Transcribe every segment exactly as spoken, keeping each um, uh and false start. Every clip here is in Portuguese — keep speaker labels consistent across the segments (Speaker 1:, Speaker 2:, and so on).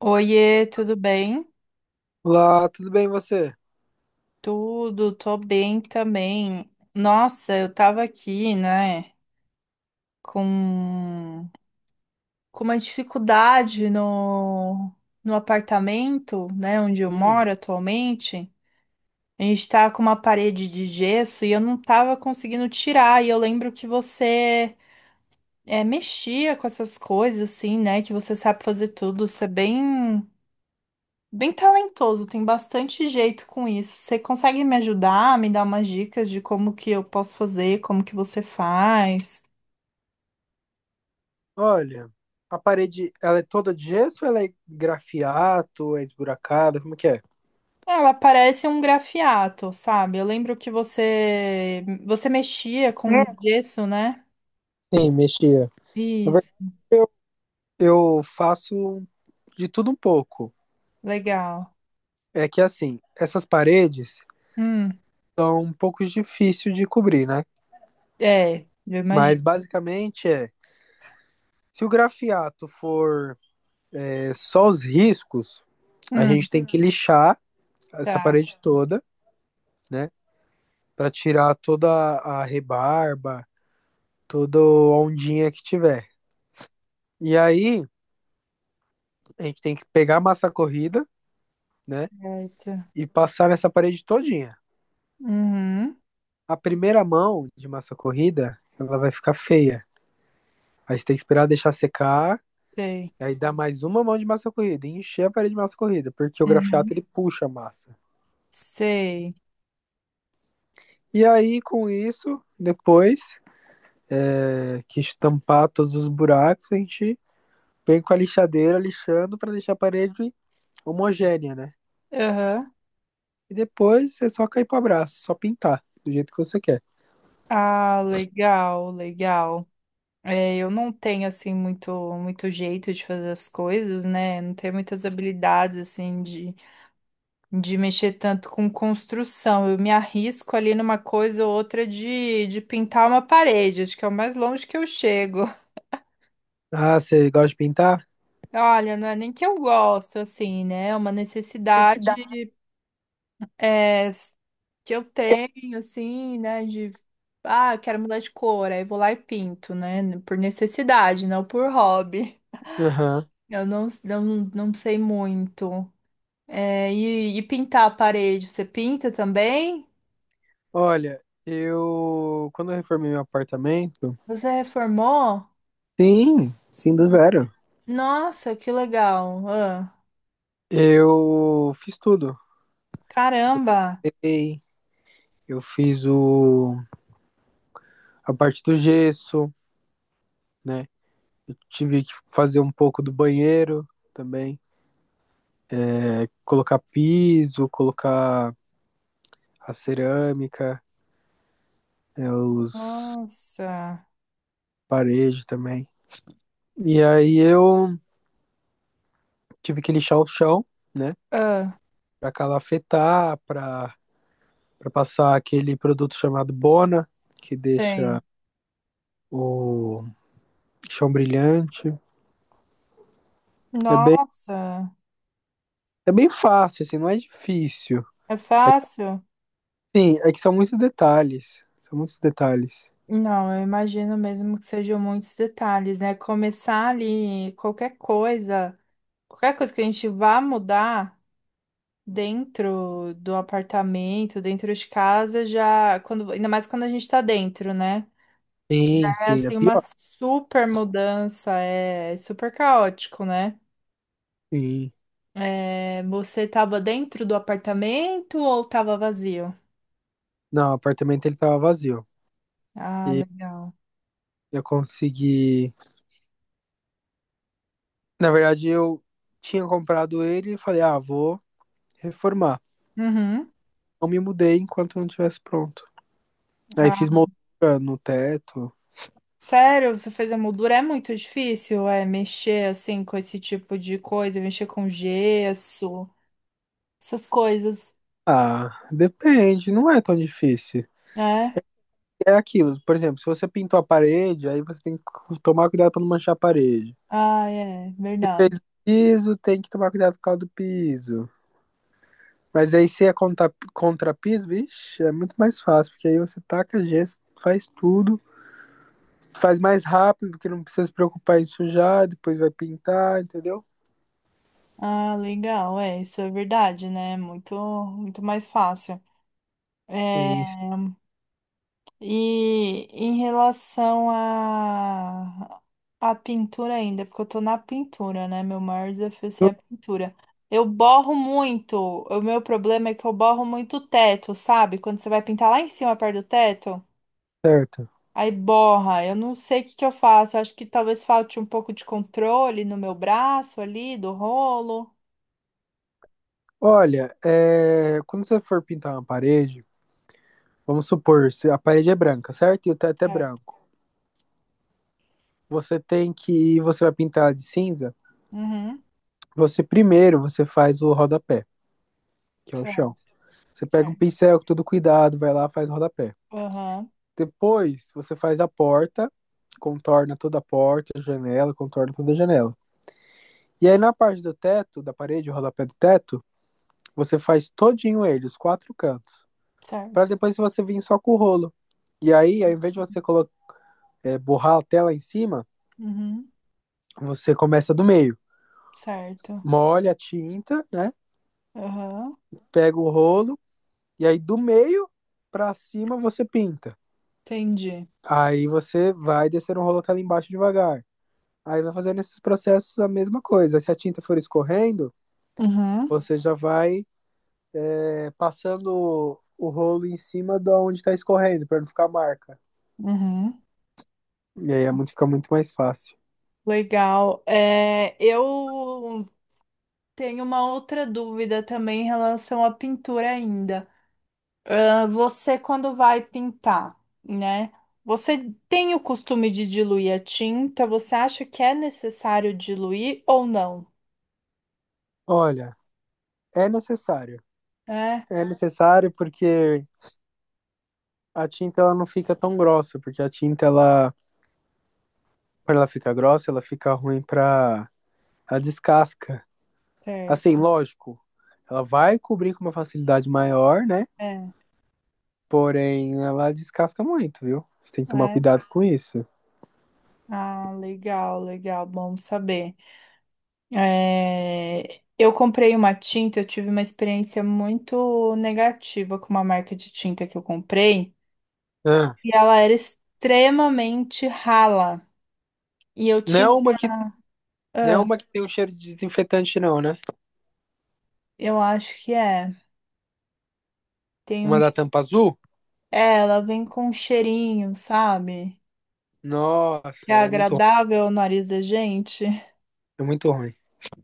Speaker 1: Oiê, tudo bem?
Speaker 2: Olá, tudo bem você?
Speaker 1: Tudo, tô bem também. Nossa, eu tava aqui, né, com, com uma dificuldade no, no apartamento, né, onde eu
Speaker 2: Hum.
Speaker 1: moro atualmente. A gente tá com uma parede de gesso e eu não tava conseguindo tirar. E eu lembro que você é, mexia com essas coisas, assim, né, que você sabe fazer tudo. Você é bem Bem talentoso, tem bastante jeito com isso. Você consegue me ajudar, me dar umas dicas de como que eu posso fazer, como que você faz?
Speaker 2: Olha, a parede, ela é toda de gesso ou ela é grafiato, é esburacada, como que é?
Speaker 1: Ela parece um grafiato, sabe? Eu lembro que você você mexia com gesso, né?
Speaker 2: Sim, mexia. Na
Speaker 1: Isso,
Speaker 2: verdade, eu, eu faço de tudo um pouco.
Speaker 1: legal.
Speaker 2: É que assim, essas paredes
Speaker 1: Hum,
Speaker 2: são um pouco difíceis de cobrir, né?
Speaker 1: é, eu
Speaker 2: Mas
Speaker 1: imagino.
Speaker 2: basicamente é, se o grafiato for é, só os riscos, a
Speaker 1: Hum,
Speaker 2: gente tem que lixar essa
Speaker 1: tá,
Speaker 2: parede toda, né? Para tirar toda a rebarba, toda ondinha que tiver. E aí, a gente tem que pegar a massa corrida, né?
Speaker 1: certo.
Speaker 2: E passar nessa parede todinha.
Speaker 1: Uhum,
Speaker 2: A primeira mão de massa corrida, ela vai ficar feia. Aí você tem que esperar deixar secar,
Speaker 1: sei.
Speaker 2: e aí dá mais uma mão de massa corrida, e encher a parede de massa corrida, porque o
Speaker 1: Uhum,
Speaker 2: grafiato ele puxa a massa.
Speaker 1: sei.
Speaker 2: E aí, com isso, depois é, que estampar todos os buracos, a gente vem com a lixadeira lixando para deixar a parede homogênea, né?
Speaker 1: Aham.
Speaker 2: E depois é só cair pro abraço, só pintar do jeito que você quer.
Speaker 1: Ah, legal, legal. É, eu não tenho assim muito muito jeito de fazer as coisas, né? Não tenho muitas habilidades assim de, de mexer tanto com construção. Eu me arrisco ali numa coisa ou outra de, de pintar uma parede, acho que é o mais longe que eu chego.
Speaker 2: Ah, você gosta de pintar?
Speaker 1: Olha, não é nem que eu gosto assim, né? É uma
Speaker 2: Esse dá.
Speaker 1: necessidade é, s- que eu tenho assim, né, de ah, eu quero mudar de cor, aí vou lá e pinto, né? Por necessidade, não por hobby.
Speaker 2: Aham.
Speaker 1: Eu não, não, não sei muito. É, e, e pintar a parede, você pinta também?
Speaker 2: Olha, eu. Quando eu reformei meu apartamento.
Speaker 1: Você reformou?
Speaker 2: Sim, sim, do zero.
Speaker 1: Nossa, que legal! Ah,
Speaker 2: Eu fiz tudo.
Speaker 1: caramba!
Speaker 2: Ei, eu fiz o... a parte do gesso, né? Eu tive que fazer um pouco do banheiro também. É, colocar piso, colocar a cerâmica, é, os
Speaker 1: Nossa!
Speaker 2: paredes também. E aí eu tive que lixar o chão, né?
Speaker 1: Ah,
Speaker 2: Pra calafetar, pra para passar aquele produto chamado Bona, que deixa
Speaker 1: sei.
Speaker 2: o chão brilhante. É bem,
Speaker 1: Nossa,
Speaker 2: é bem fácil, assim, não é difícil.
Speaker 1: é
Speaker 2: É, que,
Speaker 1: fácil?
Speaker 2: sim, é que são muitos detalhes. São muitos detalhes.
Speaker 1: Não, eu imagino mesmo que sejam muitos detalhes, né? Começar ali qualquer coisa, qualquer coisa que a gente vá mudar dentro do apartamento, dentro de casa, já quando, ainda mais quando a gente tá dentro, né?
Speaker 2: Sim,
Speaker 1: É
Speaker 2: sim, é
Speaker 1: assim uma
Speaker 2: pior.
Speaker 1: super mudança, é é super caótico, né?
Speaker 2: Sim.
Speaker 1: É, você tava dentro do apartamento ou tava vazio?
Speaker 2: Não, o apartamento ele tava vazio.
Speaker 1: Ah,
Speaker 2: E
Speaker 1: legal.
Speaker 2: eu consegui. Na verdade, eu tinha comprado ele e falei, ah, vou reformar.
Speaker 1: Uhum.
Speaker 2: Não me mudei enquanto não tivesse pronto. Aí
Speaker 1: Ah,
Speaker 2: fiz moldura no teto.
Speaker 1: sério, você fez a moldura? É muito difícil, é mexer assim com esse tipo de coisa, mexer com gesso, essas coisas,
Speaker 2: Ah, depende, não é tão difícil.
Speaker 1: né?
Speaker 2: É aquilo. Por exemplo, se você pintou a parede, aí você tem que cu- tomar cuidado para não manchar a parede.
Speaker 1: Ah, é,
Speaker 2: Se
Speaker 1: verdade.
Speaker 2: fez o piso, tem que tomar cuidado por causa do piso. Mas aí se é contra, contra piso, vixe, é muito mais fácil, porque aí você taca gesso, faz tudo, faz mais rápido, porque não precisa se preocupar em sujar, depois vai pintar, entendeu?
Speaker 1: Ah, legal, é, isso é verdade, né? É muito, muito mais fácil. É,
Speaker 2: Isso,
Speaker 1: e em relação à à pintura ainda, porque eu tô na pintura, né? Meu maior desafio assim, é a
Speaker 2: tudo
Speaker 1: pintura. Eu borro muito. O meu problema é que eu borro muito o teto, sabe? Quando você vai pintar lá em cima, perto do teto,
Speaker 2: certo.
Speaker 1: aí borra. Eu não sei o que que eu faço. Eu acho que talvez falte um pouco de controle no meu braço ali, do rolo.
Speaker 2: Olha, é, quando você for pintar uma parede, vamos supor, se a parede é branca, certo? E o teto é
Speaker 1: Certo.
Speaker 2: branco. Você tem que, você vai pintar de cinza.
Speaker 1: Uhum.
Speaker 2: Você primeiro você faz o rodapé, que é o chão.
Speaker 1: Certo,
Speaker 2: Você pega um
Speaker 1: certo.
Speaker 2: pincel com todo cuidado, vai lá, faz o rodapé.
Speaker 1: Aham,
Speaker 2: Depois você faz a porta, contorna toda a porta, a janela, contorna toda a janela. E aí na parte do teto, da parede, o rodapé do teto, você faz todinho ele, os quatro cantos. Para
Speaker 1: certo.
Speaker 2: depois você vir só com o rolo. E aí, ao invés de você colocar, é, borrar a tela em cima,
Speaker 1: Uhum,
Speaker 2: você começa do meio.
Speaker 1: certo.
Speaker 2: Molha a tinta, né?
Speaker 1: Aham,
Speaker 2: Pega o rolo, e aí do meio para cima você pinta.
Speaker 1: entendi.
Speaker 2: Aí você vai descer um rolo até lá embaixo devagar. Aí vai fazendo esses processos a mesma coisa. Se a tinta for escorrendo,
Speaker 1: Uhum,
Speaker 2: você já vai é, passando o rolo em cima de onde está escorrendo, para não ficar marca.
Speaker 1: uhum.
Speaker 2: E aí a mão fica muito mais fácil.
Speaker 1: Legal. É, eu tenho uma outra dúvida também em relação à pintura ainda. Ah, você, quando vai pintar, né? Você tem o costume de diluir a tinta? Você acha que é necessário diluir ou não?
Speaker 2: Olha, é necessário.
Speaker 1: É,
Speaker 2: É necessário porque a tinta ela não fica tão grossa, porque a tinta ela, para ela ficar grossa, ela fica ruim para a descasca. Assim,
Speaker 1: certo.
Speaker 2: lógico, ela vai cobrir com uma facilidade maior, né?
Speaker 1: É,
Speaker 2: Porém, ela descasca muito, viu? Você tem que tomar
Speaker 1: é.
Speaker 2: cuidado com isso.
Speaker 1: Ah, legal, legal. Bom saber. É, eu comprei uma tinta, eu tive uma experiência muito negativa com uma marca de tinta que eu comprei,
Speaker 2: Ah,
Speaker 1: e ela era extremamente rala. E eu
Speaker 2: não é
Speaker 1: tinha.
Speaker 2: uma que, não é
Speaker 1: Ah,
Speaker 2: uma que tem um cheiro de desinfetante, não, né?
Speaker 1: eu acho que é. Tem
Speaker 2: Uma da
Speaker 1: um...
Speaker 2: tampa azul?
Speaker 1: É, ela vem com um cheirinho, sabe? Que
Speaker 2: Nossa,
Speaker 1: é
Speaker 2: ela é muito, ru-
Speaker 1: agradável ao nariz da gente.
Speaker 2: é muito ruim.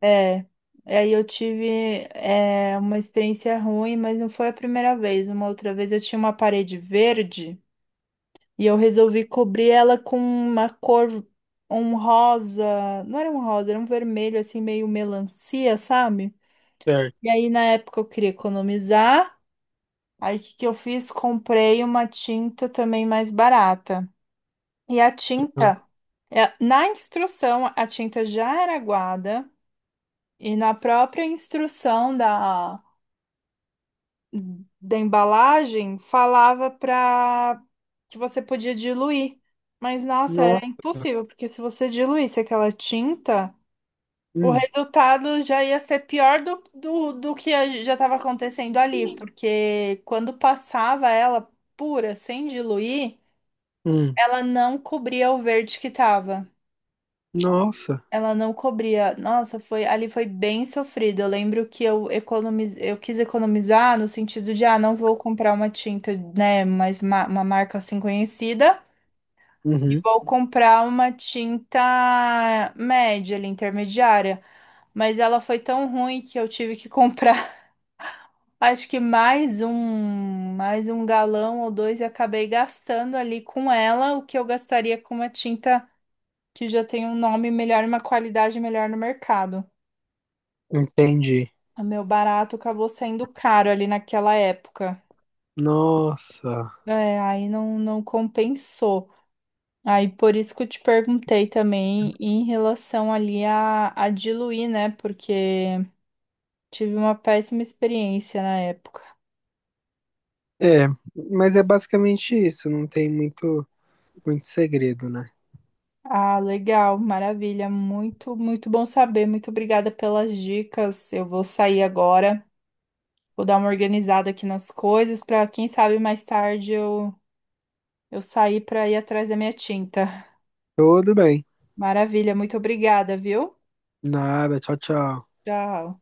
Speaker 1: É. E aí eu tive é, uma experiência ruim, mas não foi a primeira vez. Uma outra vez eu tinha uma parede verde. E eu resolvi cobrir ela com uma cor, um rosa, não era um rosa, era um vermelho assim meio melancia, sabe? E
Speaker 2: Certo.
Speaker 1: aí na época eu queria economizar. Aí o que que eu fiz? Comprei uma tinta também mais barata. E a
Speaker 2: Ah,
Speaker 1: tinta, é, na instrução, a tinta já era aguada e na própria instrução da da embalagem falava para que você podia diluir. Mas nossa, era
Speaker 2: nossa.
Speaker 1: impossível, porque se você diluísse aquela tinta, o
Speaker 2: Hum,
Speaker 1: resultado já ia ser pior do, do, do que a- já estava acontecendo ali, porque quando passava ela pura, sem diluir,
Speaker 2: hum.
Speaker 1: ela não cobria o verde que estava.
Speaker 2: Nossa.
Speaker 1: Ela não cobria. Nossa, foi ali foi bem sofrido. Eu lembro que eu economiz... eu quis economizar no sentido de, ah, não vou comprar uma tinta, né, mas ma- uma marca assim conhecida e
Speaker 2: Uhum.
Speaker 1: vou comprar uma tinta média, ali, intermediária. Mas ela foi tão ruim que eu tive que comprar, acho que mais um, mais um galão ou dois e acabei gastando ali com ela o que eu gastaria com uma tinta que já tem um nome melhor e uma qualidade melhor no mercado.
Speaker 2: Entendi.
Speaker 1: O meu barato acabou saindo caro ali naquela época.
Speaker 2: Nossa.
Speaker 1: É, aí não, não compensou. Aí por isso que eu te perguntei também em relação ali a, a diluir, né? Porque tive uma péssima experiência na época.
Speaker 2: É, mas é basicamente isso. Não tem muito, muito segredo, né?
Speaker 1: Ah, legal, maravilha. Muito, muito bom saber. Muito obrigada pelas dicas. Eu vou sair agora, vou dar uma organizada aqui nas coisas para quem sabe mais tarde eu, eu sair para ir atrás da minha tinta.
Speaker 2: Tudo bem.
Speaker 1: Maravilha, muito obrigada, viu?
Speaker 2: Nada. Tchau, tchau.
Speaker 1: Tchau.